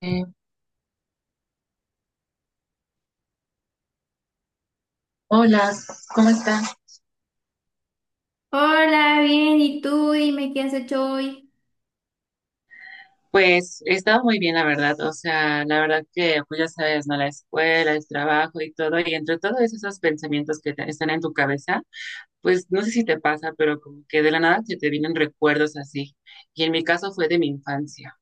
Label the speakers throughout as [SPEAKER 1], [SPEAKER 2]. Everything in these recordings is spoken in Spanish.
[SPEAKER 1] Eh, hola, ¿cómo está?
[SPEAKER 2] Hola, bien, ¿y tú? Dime qué has hecho hoy.
[SPEAKER 1] Pues he estado muy bien, la verdad. O sea, la verdad que, pues ya sabes, ¿no? La escuela, el trabajo y todo. Y entre todos esos pensamientos están en tu cabeza, pues no sé si te pasa, pero como que de la nada se te vienen recuerdos así. Y en mi caso fue de mi infancia.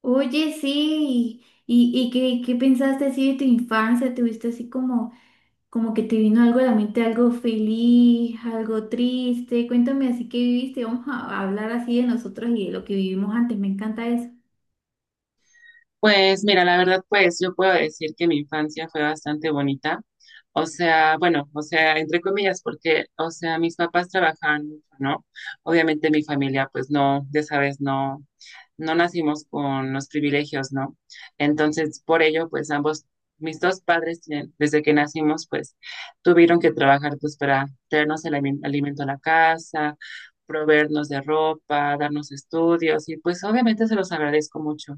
[SPEAKER 2] Oye, sí, ¿y qué pensaste así de tu infancia? ¿Tuviste así como, como que te vino algo a la mente, algo feliz, algo triste? Cuéntame así que viviste, vamos a hablar así de nosotros y de lo que vivimos antes, me encanta eso.
[SPEAKER 1] Pues mira, la verdad, pues yo puedo decir que mi infancia fue bastante bonita. O sea, bueno, o sea, entre comillas, porque, o sea, mis papás trabajaban mucho, ¿no? Obviamente mi familia, pues no, ya sabes, no, no nacimos con los privilegios, ¿no? Entonces, por ello, pues ambos, mis dos padres, desde que nacimos, pues tuvieron que trabajar, pues para traernos el alimento a la casa, proveernos de ropa, darnos estudios, y pues obviamente se los agradezco mucho.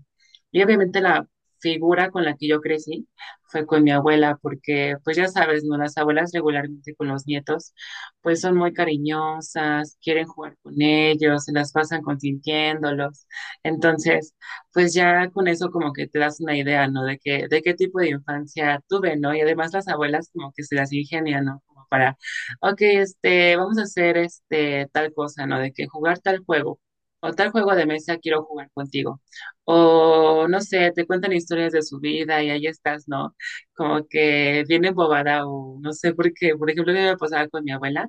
[SPEAKER 1] Y obviamente la figura con la que yo crecí fue con mi abuela, porque pues ya sabes, ¿no? Las abuelas regularmente con los nietos, pues son muy cariñosas, quieren jugar con ellos, se las pasan consintiéndolos. Entonces, pues ya con eso como que te das una idea, ¿no? De qué tipo de infancia tuve, ¿no? Y además las abuelas como que se las ingenian, ¿no? Como para, ok, este, vamos a hacer este tal cosa, ¿no? De que jugar tal juego o tal juego de mesa quiero jugar contigo. O no sé, te cuentan historias de su vida y ahí estás, ¿no? Como que viene bobada o no sé por qué. Por ejemplo, a mí me pasaba con mi abuela,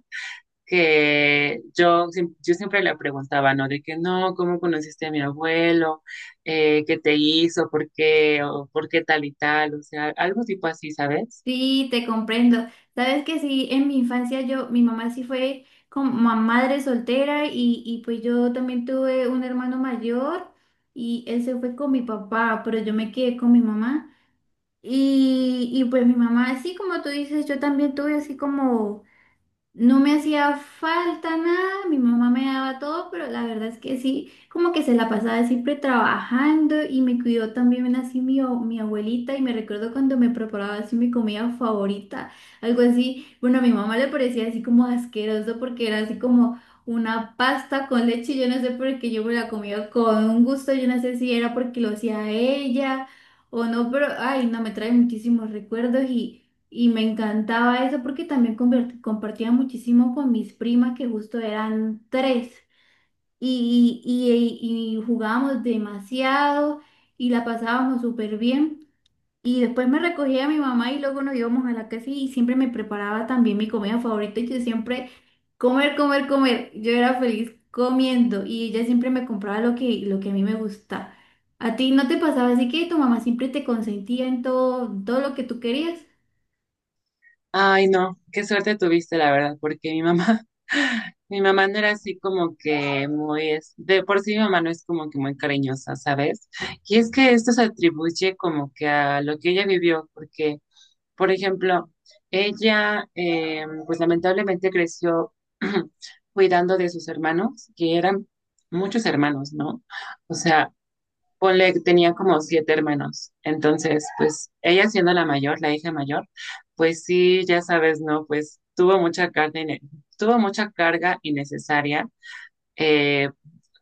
[SPEAKER 1] que yo, yo siempre le preguntaba, ¿no? De que no, ¿cómo conociste a mi abuelo? ¿Qué te hizo? ¿Por qué? ¿O por qué tal y tal? O sea, algo tipo así, ¿sabes?
[SPEAKER 2] Sí, te comprendo. Sabes que sí, en mi infancia yo, mi mamá sí fue como madre soltera y pues yo también tuve un hermano mayor y él se fue con mi papá, pero yo me quedé con mi mamá. Y pues mi mamá, así como tú dices, yo también tuve así como... No me hacía falta nada, mi mamá me daba todo, pero la verdad es que sí, como que se la pasaba siempre trabajando y me cuidó también así mi, mi abuelita y me recuerdo cuando me preparaba así mi comida favorita, algo así, bueno, a mi mamá le parecía así como asqueroso porque era así como una pasta con leche, yo no sé por qué yo me la comía con un gusto, yo no sé si era porque lo hacía ella o no, pero ay, no, me trae muchísimos recuerdos y... Y me encantaba eso porque también compartía muchísimo con mis primas que justo eran tres y jugábamos demasiado y la pasábamos súper bien. Y después me recogía mi mamá y luego nos íbamos a la casa y siempre me preparaba también mi comida favorita y yo siempre comer, comer, comer. Yo era feliz comiendo y ella siempre me compraba lo que a mí me gusta. ¿A ti no te pasaba así que tu mamá siempre te consentía en todo, todo lo que tú querías?
[SPEAKER 1] Ay, no, qué suerte tuviste, la verdad, porque mi mamá, mi mamá no era así como que muy, de por sí mi mamá no es como que muy cariñosa, ¿sabes? Y es que esto se atribuye como que a lo que ella vivió, porque, por ejemplo, ella, pues lamentablemente creció cuidando de sus hermanos, que eran muchos hermanos, ¿no? O sea, ponle, que tenía como 7 hermanos. Entonces, pues ella siendo la mayor, la hija mayor, pues sí, ya sabes, ¿no? Pues tuvo mucha carga, tuvo mucha carga innecesaria. eh,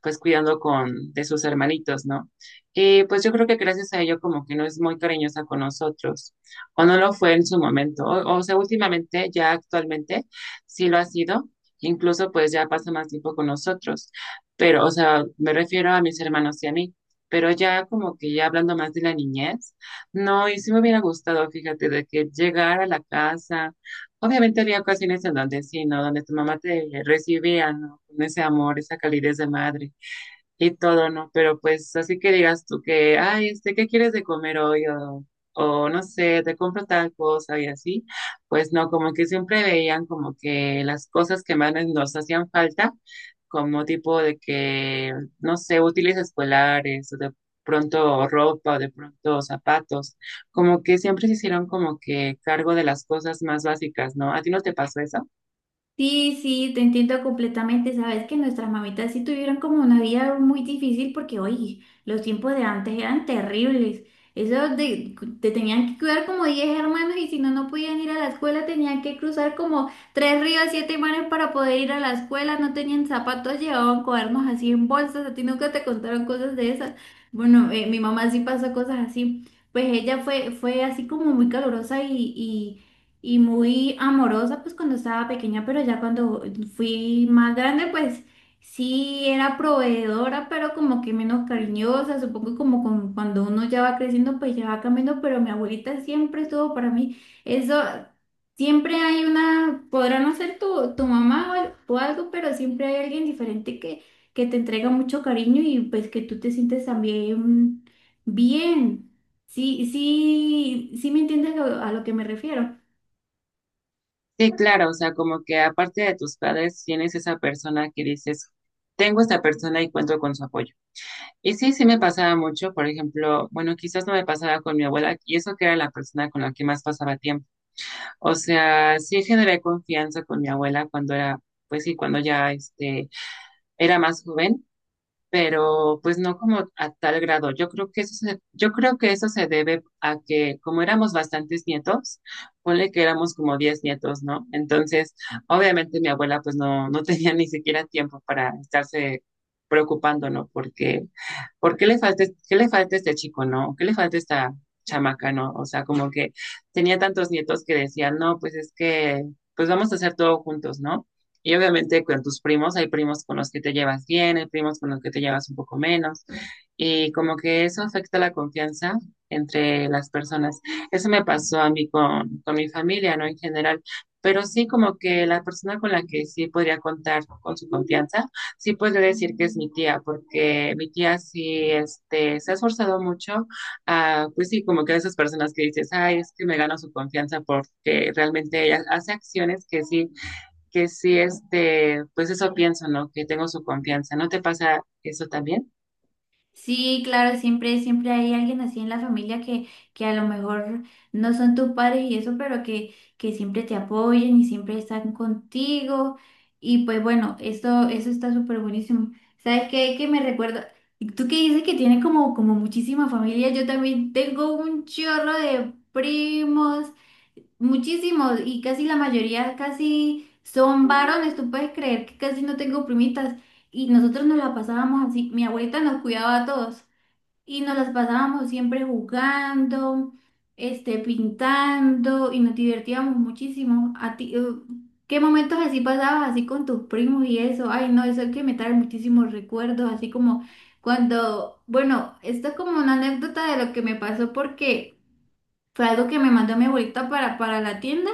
[SPEAKER 1] pues cuidando con de sus hermanitos, ¿no? Y pues yo creo que gracias a ello como que no es muy cariñosa con nosotros, o no lo fue en su momento, o sea, últimamente, ya actualmente, sí lo ha sido, incluso pues ya pasa más tiempo con nosotros, pero, o sea, me refiero a mis hermanos y a mí, pero ya como que ya hablando más de la niñez, no, y sí me hubiera gustado, fíjate, de que llegar a la casa, obviamente había ocasiones en donde sí, ¿no? Donde tu mamá te recibía, ¿no? Con ese amor, esa calidez de madre y todo, ¿no? Pero pues así que digas tú que, ay, este, ¿qué quieres de comer hoy? O no sé, te compro tal cosa y así. Pues no, como que siempre veían como que las cosas que más nos hacían falta, como tipo de que, no sé, útiles escolares, o de pronto ropa, o de pronto zapatos, como que siempre se hicieron como que cargo de las cosas más básicas, ¿no? ¿A ti no te pasó eso?
[SPEAKER 2] Sí, sí, te entiendo completamente. Sabes que nuestras mamitas sí tuvieron como una vida muy difícil porque, oye, los tiempos de antes eran terribles. Eso de, te tenían que cuidar como 10 hermanos y si no, no podían ir a la escuela, tenían que cruzar como tres ríos, siete mares para poder ir a la escuela. No tenían zapatos, llevaban cuadernos así en bolsas. A ti nunca te contaron cosas de esas. Bueno, mi mamá sí pasó cosas así. Pues ella fue así como muy calurosa y muy amorosa pues cuando estaba pequeña, pero ya cuando fui más grande pues sí era proveedora, pero como que menos cariñosa, supongo como cuando uno ya va creciendo pues ya va cambiando, pero mi abuelita siempre estuvo para mí, eso siempre hay una, podrá no ser tu mamá o, o algo, pero siempre hay alguien diferente que te entrega mucho cariño y pues que tú te sientes también bien. Sí, sí, sí me entiendes a lo que me refiero.
[SPEAKER 1] Sí, claro, o sea, como que aparte de tus padres, tienes esa persona que dices, tengo esta persona y cuento con su apoyo. Y sí, sí me pasaba mucho, por ejemplo, bueno, quizás no me pasaba con mi abuela, y eso que era la persona con la que más pasaba tiempo. O sea, sí generé confianza con mi abuela cuando era, pues sí, cuando ya este, era más joven, pero pues no como a tal grado. Yo creo que eso se, yo creo que eso se debe a que como éramos bastantes nietos, ponle que éramos como 10 nietos, ¿no? Entonces, obviamente mi abuela pues no, no tenía ni siquiera tiempo para estarse preocupando, ¿no? Porque ¿por qué le falta a este chico, no? ¿Qué le falta a esta chamaca, no? O sea, como que tenía tantos nietos que decían, no, pues es que, pues vamos a hacer todo juntos, ¿no? Y obviamente con tus primos, hay primos con los que te llevas bien, hay primos con los que te llevas un poco menos. Y como que eso afecta la confianza entre las personas. Eso me pasó a mí con mi familia, ¿no? En general. Pero sí como que la persona con la que sí podría contar con su confianza sí podría decir que es mi tía, porque mi tía sí este, se ha esforzado mucho, ah, pues sí, como que esas personas que dices, ay, es que me gano su confianza porque realmente ella hace acciones que sí, este, pues eso pienso, ¿no? Que tengo su confianza. ¿No te pasa eso también?
[SPEAKER 2] Sí, claro, siempre, siempre hay alguien así en la familia que a lo mejor no son tus padres y eso, pero que siempre te apoyan y siempre están contigo. Y pues bueno, eso está súper buenísimo. ¿Sabes qué? Que me recuerda, tú que dices que tienes como, como muchísima familia, yo también tengo un chorro de primos. Muchísimos, y casi la mayoría casi son varones, tú puedes creer que casi no tengo primitas y nosotros nos la pasábamos así, mi abuelita nos cuidaba a todos y nos las pasábamos siempre jugando, este, pintando y nos divertíamos muchísimo. A ti, ¿qué momentos así pasabas así con tus primos y eso? Ay, no, eso es que me trae muchísimos recuerdos, así como cuando, bueno, esto es como una anécdota de lo que me pasó porque... Fue algo que me mandó mi abuelita para la tienda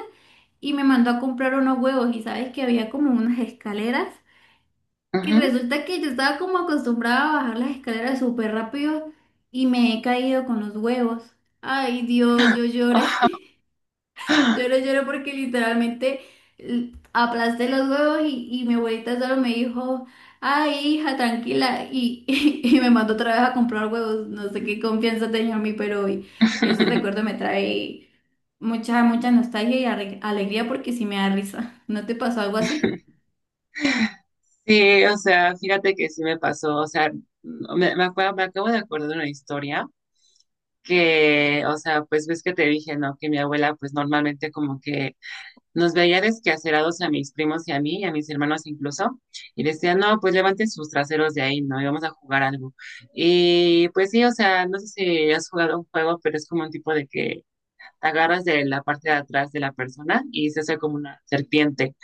[SPEAKER 2] y me mandó a comprar unos huevos y sabes que había como unas escaleras y
[SPEAKER 1] Ujú.
[SPEAKER 2] resulta que yo estaba como acostumbrada a bajar las escaleras súper rápido y me he caído con los huevos. Ay Dios, yo lloré, lloré, lloré porque literalmente aplasté los huevos y mi abuelita solo me dijo, ay hija, tranquila y, y, me mandó otra vez a comprar huevos. No sé qué confianza tenía en mí, pero hoy ese recuerdo me trae... Mucha, mucha nostalgia y alegría porque sí me da risa. ¿No te pasó algo así?
[SPEAKER 1] Sí, o sea, fíjate que sí me pasó, o sea, me acuerdo, me acabo de acordar de una historia que, o sea, pues ves que te dije, ¿no? Que mi abuela, pues normalmente como que nos veía desquacerados a mis primos y a mí, y a mis hermanos incluso, y decía, no, pues levanten sus traseros de ahí, ¿no? Y vamos a jugar algo. Y pues sí, o sea, no sé si has jugado un juego, pero es como un tipo de que te agarras de la parte de atrás de la persona y se hace como una serpiente.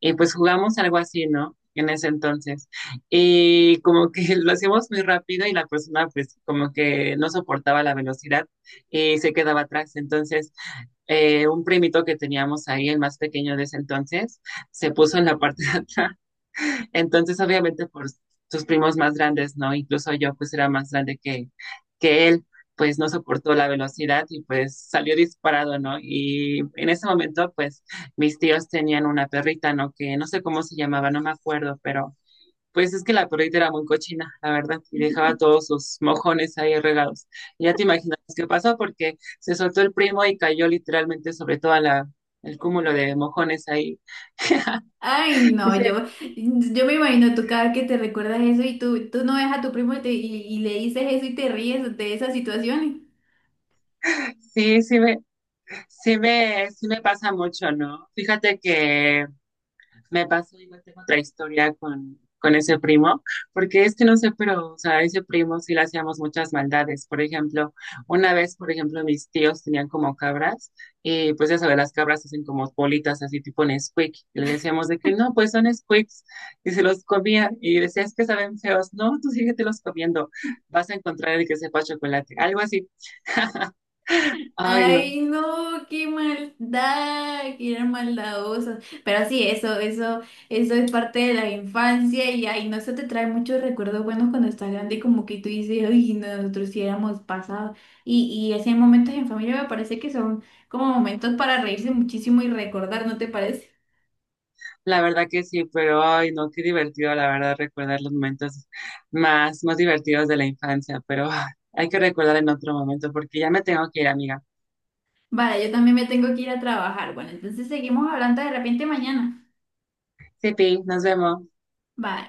[SPEAKER 1] Y pues jugamos algo así, ¿no? En ese entonces. Y como que lo hacíamos muy rápido y la persona pues como que no soportaba la velocidad y se quedaba atrás. Entonces un primito que teníamos ahí, el más pequeño de ese entonces, se puso en la parte de atrás. Entonces, obviamente, por sus primos más grandes, ¿no? Incluso yo, pues, era más grande que él, pues, no soportó la velocidad y, pues, salió disparado, ¿no? Y en ese momento, pues, mis tíos tenían una perrita, ¿no? Que no sé cómo se llamaba, no me acuerdo, pero pues es que la perrita era muy cochina, la verdad, y dejaba todos sus mojones ahí regados. Y ya te imaginas qué pasó porque se soltó el primo y cayó literalmente sobre toda la el cúmulo de mojones ahí.
[SPEAKER 2] Ay, no,
[SPEAKER 1] Dice,
[SPEAKER 2] yo me imagino tú cada vez que te recuerdas eso y tú no ves a tu primo y, y le dices eso y te ríes de esas situaciones.
[SPEAKER 1] sí, sí me, sí me pasa mucho, ¿no? Fíjate que me pasó igual, tengo otra historia con ese primo, porque es que no sé, pero, o sea, ese primo sí le hacíamos muchas maldades. Por ejemplo, una vez, por ejemplo, mis tíos tenían como cabras, y pues ya sabes, las cabras hacen como bolitas así tipo Nesquik, y le decíamos de que no, pues son Nesquiks, y se los comía, y decía, es que saben feos, no, tú síguete comiendo, vas a encontrar el que sepa chocolate, algo así. Ay, no,
[SPEAKER 2] Ay, no, qué maldad, que eran maldadosos. Pero sí, eso es parte de la infancia y ay, no, eso te trae muchos recuerdos buenos cuando estás grande y como que tú dices, ay, nosotros sí éramos pasados. Y así hay momentos en familia me parece que son como momentos para reírse muchísimo y recordar, ¿no te parece?
[SPEAKER 1] la verdad que sí, pero ay, no, qué divertido, la verdad, recordar los momentos más, más divertidos de la infancia, pero ah, hay que recordar en otro momento porque ya me tengo que ir, amiga.
[SPEAKER 2] Vale, yo también me tengo que ir a trabajar. Bueno, entonces seguimos hablando de repente mañana.
[SPEAKER 1] Sipi, nos vemos.
[SPEAKER 2] Bye.